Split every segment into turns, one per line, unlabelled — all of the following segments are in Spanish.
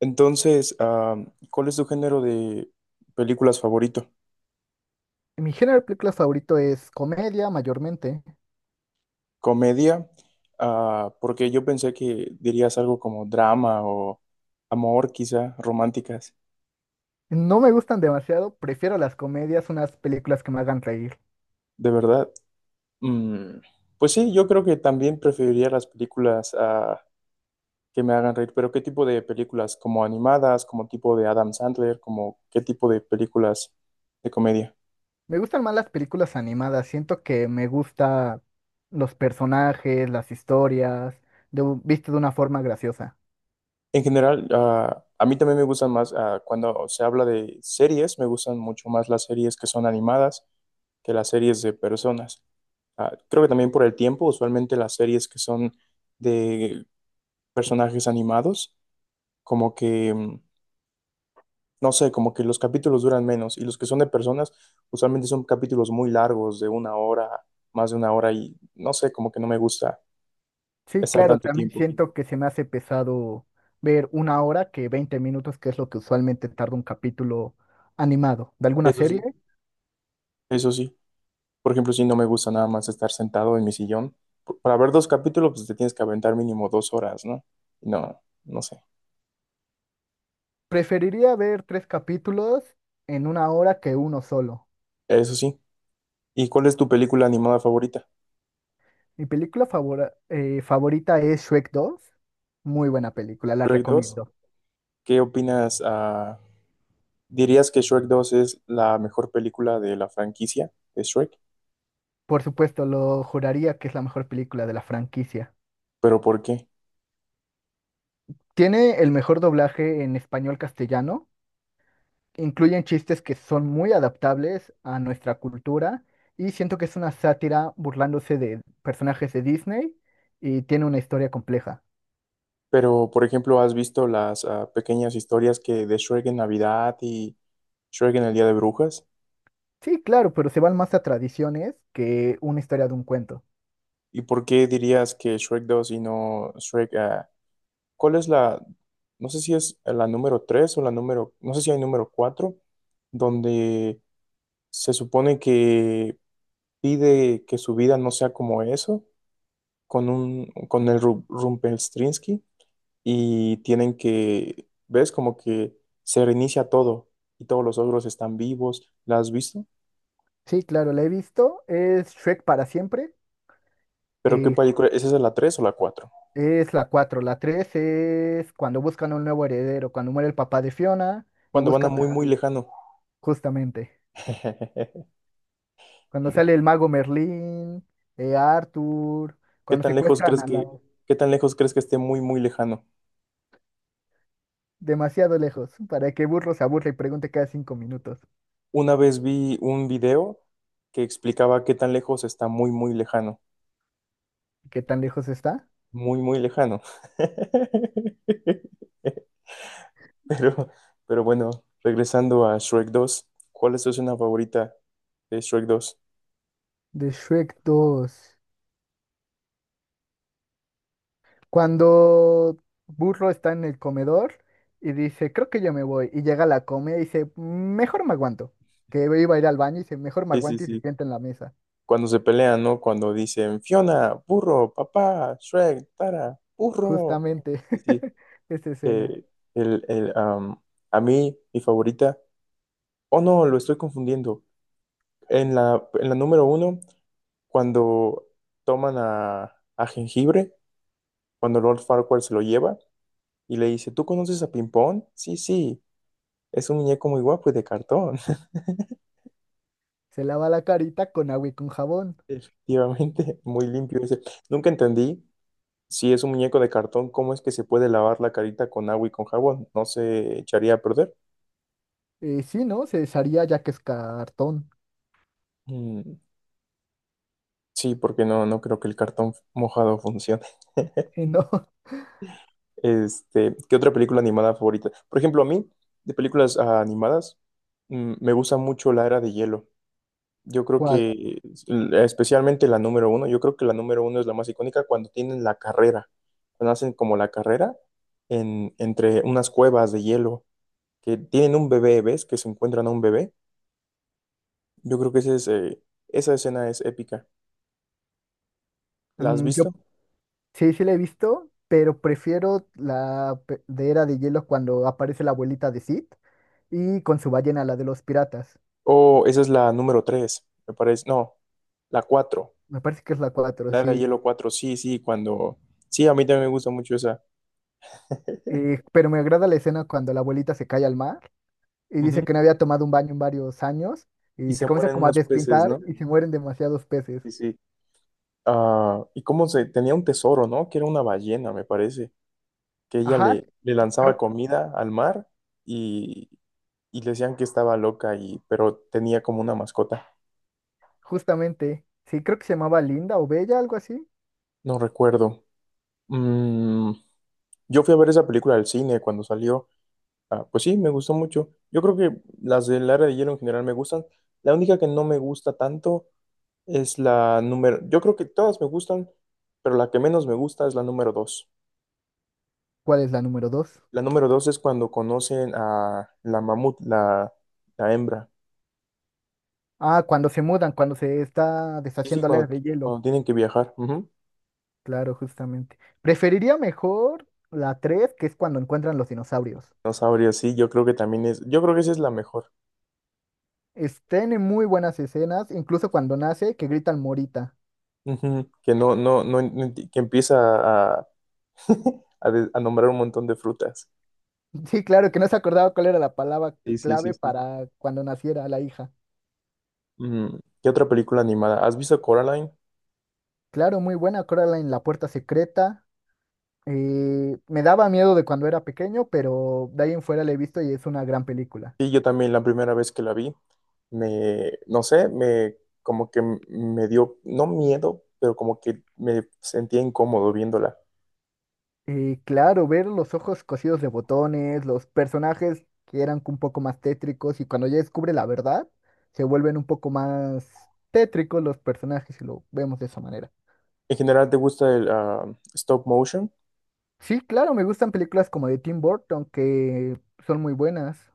Entonces, ¿cuál es tu género de películas favorito?
Mi género de películas favorito es comedia, mayormente.
¿Comedia? Ah, porque yo pensé que dirías algo como drama o amor, quizá, románticas.
No me gustan demasiado, prefiero las comedias, unas películas que me hagan reír.
¿De verdad? Mm, pues sí, yo creo que también preferiría las películas que me hagan reír, pero ¿qué tipo de películas? ¿Como animadas? ¿Como tipo de Adam Sandler? ¿Como qué tipo de películas de comedia?
Me gustan más las películas animadas, siento que me gusta los personajes, las historias, de, visto de una forma graciosa.
En general, a mí también me gustan más, cuando se habla de series, me gustan mucho más las series que son animadas que las series de personas. Ah, creo que también por el tiempo, usualmente las series que son de personajes animados, como que, no sé, como que los capítulos duran menos y los que son de personas, usualmente son capítulos muy largos, de una hora, más de una hora y no sé, como que no me gusta
Sí,
estar
claro,
tanto
también
tiempo.
siento que se me hace pesado ver una hora que 20 minutos, que es lo que usualmente tarda un capítulo animado de alguna
Eso
serie.
sí, eso sí. Por ejemplo, si no me gusta nada más estar sentado en mi sillón, para ver dos capítulos, pues te tienes que aventar mínimo dos horas, ¿no? No, no sé.
Preferiría ver tres capítulos en una hora que uno solo.
Eso sí. ¿Y cuál es tu película animada favorita?
Mi película favorita es Shrek 2. Muy buena película, la
¿Shrek 2?
recomiendo.
¿Qué opinas? ¿Dirías que Shrek 2 es la mejor película de la franquicia de Shrek?
Por supuesto, lo juraría que es la mejor película de la franquicia.
¿Pero por qué?
Tiene el mejor doblaje en español castellano. Incluyen chistes que son muy adaptables a nuestra cultura y siento que es una sátira burlándose de personajes de Disney y tiene una historia compleja.
Pero, por ejemplo, ¿has visto las pequeñas historias que de Shrek en Navidad y Shrek en el Día de Brujas?
Sí, claro, pero se van más a tradiciones que una historia de un cuento.
¿Y por qué dirías que Shrek 2 y no Shrek ¿cuál es no sé si es la número 3 o la número, no sé si hay número 4, donde se supone que pide que su vida no sea como eso, con el Rumpelstiltskin, y tienen que, ves, como que se reinicia todo, y todos los ogros están vivos, ¿la has visto?
Sí, claro, la he visto. Es Shrek para siempre.
Pero ¿qué
eh,
película? ¿Esa es la tres o la cuatro?
Es la cuatro. La 3 es cuando buscan un nuevo heredero, cuando muere el papá de Fiona y
Cuando van a
buscan
muy, muy lejano.
justamente. Cuando sale el mago Merlín, Arthur,
¿Qué
cuando
tan lejos
secuestran
crees
a la...
qué tan lejos crees que esté muy, muy lejano?
demasiado lejos, para que Burro se aburra y pregunte cada 5 minutos.
Una vez vi un video que explicaba qué tan lejos está muy, muy lejano,
¿Qué tan lejos está?
muy, muy lejano. Pero, pero bueno, regresando a Shrek 2, ¿cuál es tu escena favorita de Shrek 2?
De Shrek 2. Cuando Burro está en el comedor y dice, creo que yo me voy, y llega a la comida y dice, mejor me aguanto. Que iba a ir al baño y dice, mejor me
Sí, sí,
aguanto y se
sí.
sienta en la mesa.
Cuando se pelean, ¿no? Cuando dicen Fiona, burro, papá, Shrek, Tara, burro.
Justamente
Sí, sí.
esa escena.
Eh, el, el, am, a mí, mi favorita. Oh, no, lo estoy confundiendo. En en la número uno, cuando toman a Jengibre, cuando Lord Farquaad se lo lleva y le dice, ¿tú conoces a Pimpón? Sí, sí, es un muñeco muy guapo y de cartón.
Se lava la carita con agua y con jabón.
Efectivamente, muy limpio. Dice, nunca entendí si es un muñeco de cartón, cómo es que se puede lavar la carita con agua y con jabón. No se echaría a perder.
Sí, ¿no? Se desharía ya que es cartón.
Mm, sí, porque no, no creo que el cartón mojado funcione.
¿No?
Este, ¿qué otra película animada favorita? Por ejemplo, a mí, de películas animadas, me gusta mucho La Era de Hielo. Yo creo
¿Cuál?
especialmente la número uno, yo creo que la número uno es la más icónica cuando tienen la carrera, cuando hacen como la carrera entre unas cuevas de hielo, que tienen un bebé, ¿ves? Que se encuentran a un bebé. Yo creo que ese es, esa escena es épica. ¿La has
Yo
visto?
sí, sí la he visto, pero prefiero la de Era de Hielo cuando aparece la abuelita de Sid y con su ballena, la de los piratas.
O esa es la número tres, me parece. No, la cuatro,
Me parece que es la cuatro,
la era de
sí.
hielo cuatro, sí, sí, cuando... Sí, a mí también me gusta mucho esa.
Pero me agrada la escena cuando la abuelita se cae al mar y
Ujú.
dice que no había tomado un baño en varios años
Y
y
se
se comienza
mueren
como a
unos peces,
despintar
¿no?
y se mueren demasiados peces.
Sí, sí. Ah, y cómo se tenía un tesoro, ¿no? Que era una ballena, me parece, que ella
Ajá,
le lanzaba
creo.
comida al mar y, y le decían que estaba loca y pero tenía como una mascota.
Justamente, sí, creo que se llamaba Linda o Bella, algo así.
No recuerdo. Mm, yo fui a ver esa película al cine cuando salió. Ah, pues sí, me gustó mucho. Yo creo que las del Área de Hielo en general me gustan. La única que no me gusta tanto es la número. Yo creo que todas me gustan, pero la que menos me gusta es la número dos.
¿Cuál es la número dos?
La número dos es cuando conocen a la mamut, la hembra.
Ah, cuando se mudan, cuando se está
Sí, sí,
deshaciendo la era de hielo.
cuando tienen que viajar. Ujú.
Claro, justamente. Preferiría mejor la tres, que es cuando encuentran los dinosaurios.
No sabría, sí, yo creo que también es, yo creo que esa es la mejor.
Tiene muy buenas escenas, incluso cuando nace, que gritan Morita.
Ujú, que no, no, no, no que empieza a, a nombrar un montón de frutas.
Sí, claro, que no se acordaba cuál era la palabra
Sí, sí, sí,
clave
sí.
para cuando naciera la hija.
Mm, ¿qué otra película animada? ¿Has visto Coraline?
Claro, muy buena, acuérdala en la puerta secreta. Me daba miedo de cuando era pequeño, pero de ahí en fuera la he visto y es una gran película.
Sí, yo también la primera vez que la vi, no sé, me, como que me dio, no miedo, pero como que me sentía incómodo viéndola.
Y claro, ver los ojos cosidos de botones, los personajes que eran un poco más tétricos y cuando ya descubre la verdad, se vuelven un poco más tétricos los personajes y lo vemos de esa manera.
En general, ¿te gusta el stop motion?
Sí, claro, me gustan películas como de Tim Burton que son muy buenas.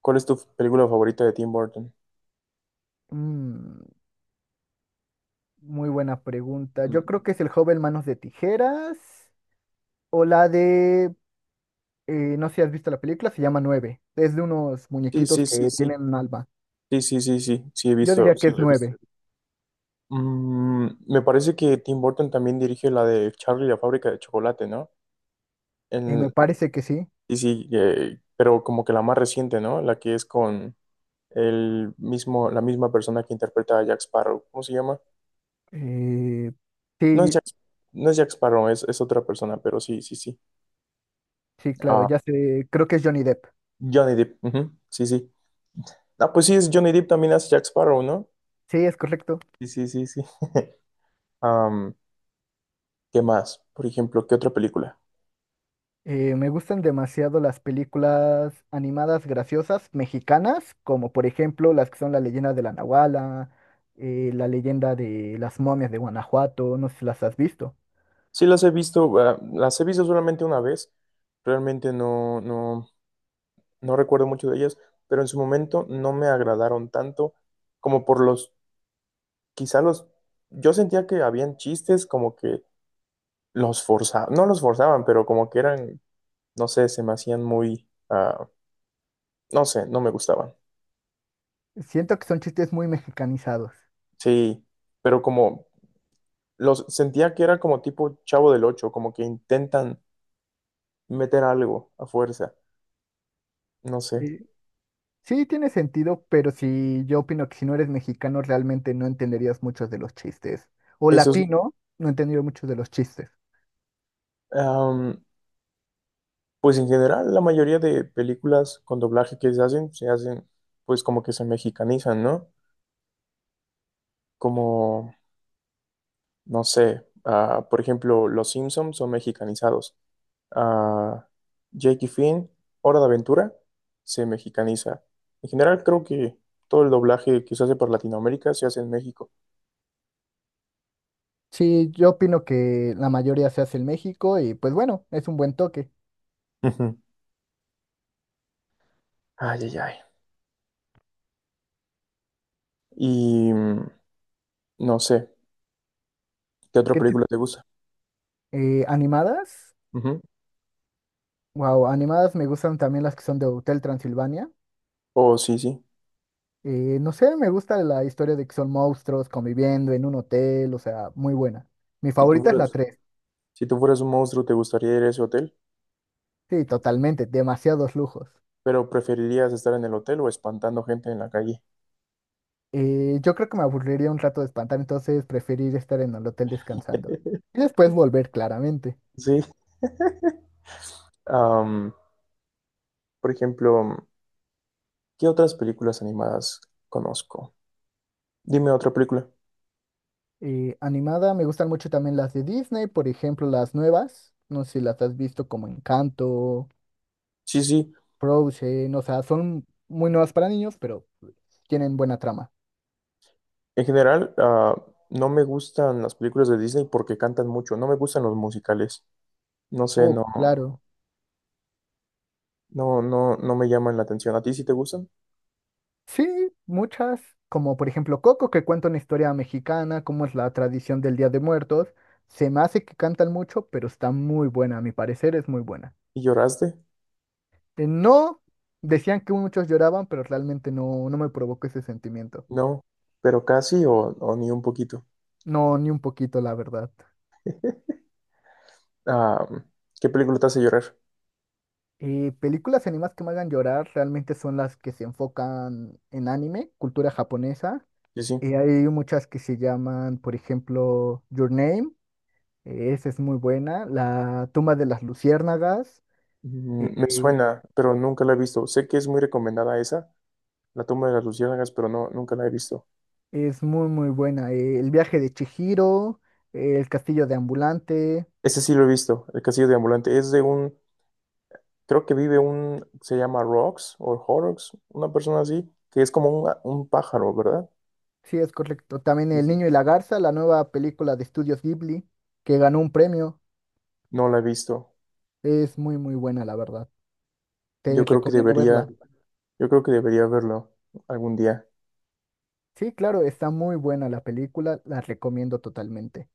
¿Cuál es tu película favorita de Tim Burton?
Mm, Muy buena pregunta. Yo
Mm,
creo que es El joven manos de tijeras o la de, no sé si has visto la película, se llama Nueve. Es de unos
sí,
muñequitos
sí, sí,
que
sí.
tienen un alma.
Sí, sí, sí, sí. Sí, he
Yo
visto.
diría que
Sí,
es
lo he visto.
Nueve.
Mm, me parece que Tim Burton también dirigió la de Charlie y la fábrica de chocolate, ¿no?
Me
En-
parece que sí.
sí, sí, pero como que la más reciente, ¿no? La que es con el mismo, la misma persona que interpreta a Jack Sparrow. ¿Cómo se llama?
Eh,
No es
sí,
Jack, no es Jack Sparrow, es otra persona, pero sí, sí, sí.
sí, claro,
Ah,
ya sé, creo que es Johnny Depp.
Johnny Depp. Ujú, sí, sí. Ah, pues sí, es Johnny Depp también hace Jack Sparrow, ¿no?
Sí, es correcto.
Sí, sí, sí, sí. Am, ¿qué más? Por ejemplo, ¿qué otra película?
Me gustan demasiado las películas animadas graciosas mexicanas, como por ejemplo las que son La leyenda de la Nahuala, La leyenda de las momias de Guanajuato, no sé si las has visto.
Sí, las he visto, ah, las he visto solamente una vez. Realmente no recuerdo mucho de ellas, pero en su momento no me agradaron tanto como por quizá los, yo sentía que habían chistes como que los forzaban, no los forzaban, pero como que eran, no sé, se me hacían muy, no sé, no me gustaban.
Siento que son chistes muy mexicanizados.
Sí, pero como los sentía que era como tipo Chavo del Ocho, como que intentan meter algo a fuerza. No sé.
Eh, sí, tiene sentido, pero sí, yo opino que si no eres mexicano realmente no entenderías muchos de los chistes. O
Eso sí.
latino, no entendería muchos de los chistes.
Am, pues en general, la mayoría de películas con doblaje que se hacen, pues como que se mexicanizan, ¿no? Como, no sé, por ejemplo, Los Simpsons son mexicanizados. Ah, Jake y Finn, Hora de Aventura, se mexicaniza. En general, creo que todo el doblaje que se hace por Latinoamérica se hace en México.
Sí, yo opino que la mayoría se hace en México y pues bueno, es un buen toque.
Ujú. Ay, ay, ay. Y no sé, ¿qué otra
¿Qué tipo?
película te gusta?
Animadas.
Ujú.
Wow, animadas me gustan también las que son de Hotel Transilvania.
Oh, sí, sí.
No sé, me gusta la historia de que son monstruos conviviendo en un hotel, o sea, muy buena. Mi
Si tú
favorita es la
fueras,
3.
si tú fueras un monstruo, ¿te gustaría ir a ese hotel?
Sí, totalmente, demasiados lujos.
¿Pero preferirías estar en el hotel o espantando gente en la calle?
Yo creo que me aburriría un rato de espantar, entonces preferir estar en el hotel descansando. Y después volver, claramente.
Sí. Am, por ejemplo, ¿qué otras películas animadas conozco? Dime otra película.
Animada, me gustan mucho también las de Disney, por ejemplo, las nuevas. No sé si las has visto como Encanto,
Sí, sí.
Frozen, o sea, son muy nuevas para niños, pero tienen buena trama.
En general, no me gustan las películas de Disney porque cantan mucho. No me gustan los musicales. No sé,
Oh,
no,
claro.
no, no, no me llaman la atención. ¿A ti sí te gustan?
Sí, muchas, como por ejemplo Coco, que cuenta una historia mexicana, cómo es la tradición del Día de Muertos. Se me hace que cantan mucho, pero está muy buena, a mi parecer es muy buena.
¿Y lloraste?
No, decían que muchos lloraban, pero realmente no, no me provocó ese sentimiento.
No, pero casi o ni un poquito.
No, ni un poquito, la verdad.
Ah, ¿qué película te hace llorar?
Películas animadas que me hagan llorar realmente son las que se enfocan en anime, cultura japonesa.
Sí, sí.
Hay muchas que se llaman, por ejemplo, Your Name, esa es muy buena. La tumba de las luciérnagas,
Mm, me
eh,
suena, pero nunca la he visto. Sé que es muy recomendada esa, La tumba de las luciérnagas, pero no, nunca la he visto.
es muy, muy buena. El viaje de Chihiro, El castillo de Ambulante,
Ese sí lo he visto, El castillo de ambulante. Es de un, creo que vive un, se llama Rox o Horrocks, una persona así, que es como un pájaro, ¿verdad?
sí, es correcto. También
Sí,
El
sí.
niño y la garza, la nueva película de Estudios Ghibli, que ganó un premio,
No la he visto.
es muy, muy buena, la verdad. Te
Yo creo que
recomiendo verla.
debería, yo creo que debería verlo algún día.
Sí, claro, está muy buena la película, la recomiendo totalmente.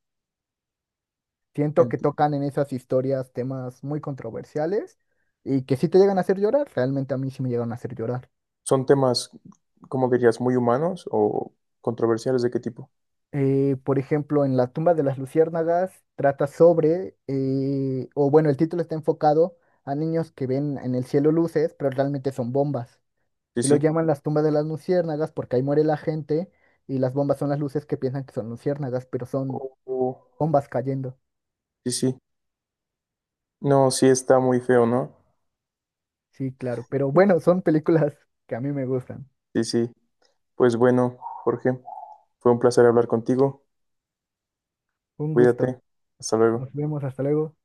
Siento que tocan en esas historias temas muy controversiales y que sí te llegan a hacer llorar, realmente a mí sí me llegan a hacer llorar.
¿Son temas, como dirías, muy humanos o controversiales de qué tipo?
Por ejemplo, en La tumba de las luciérnagas trata sobre, o bueno, el título está enfocado a niños que ven en el cielo luces, pero realmente son bombas.
Sí,
Y lo
sí.
llaman las tumbas de las luciérnagas porque ahí muere la gente y las bombas son las luces que piensan que son luciérnagas, pero son
O- o-
bombas cayendo.
sí, sí. No, sí está muy feo, ¿no?
Sí, claro. Pero bueno, son películas que a mí me gustan.
Sí, sí. Pues bueno, Jorge, fue un placer hablar contigo.
Un
Cuídate.
gusto.
Hasta luego.
Nos vemos. Hasta luego.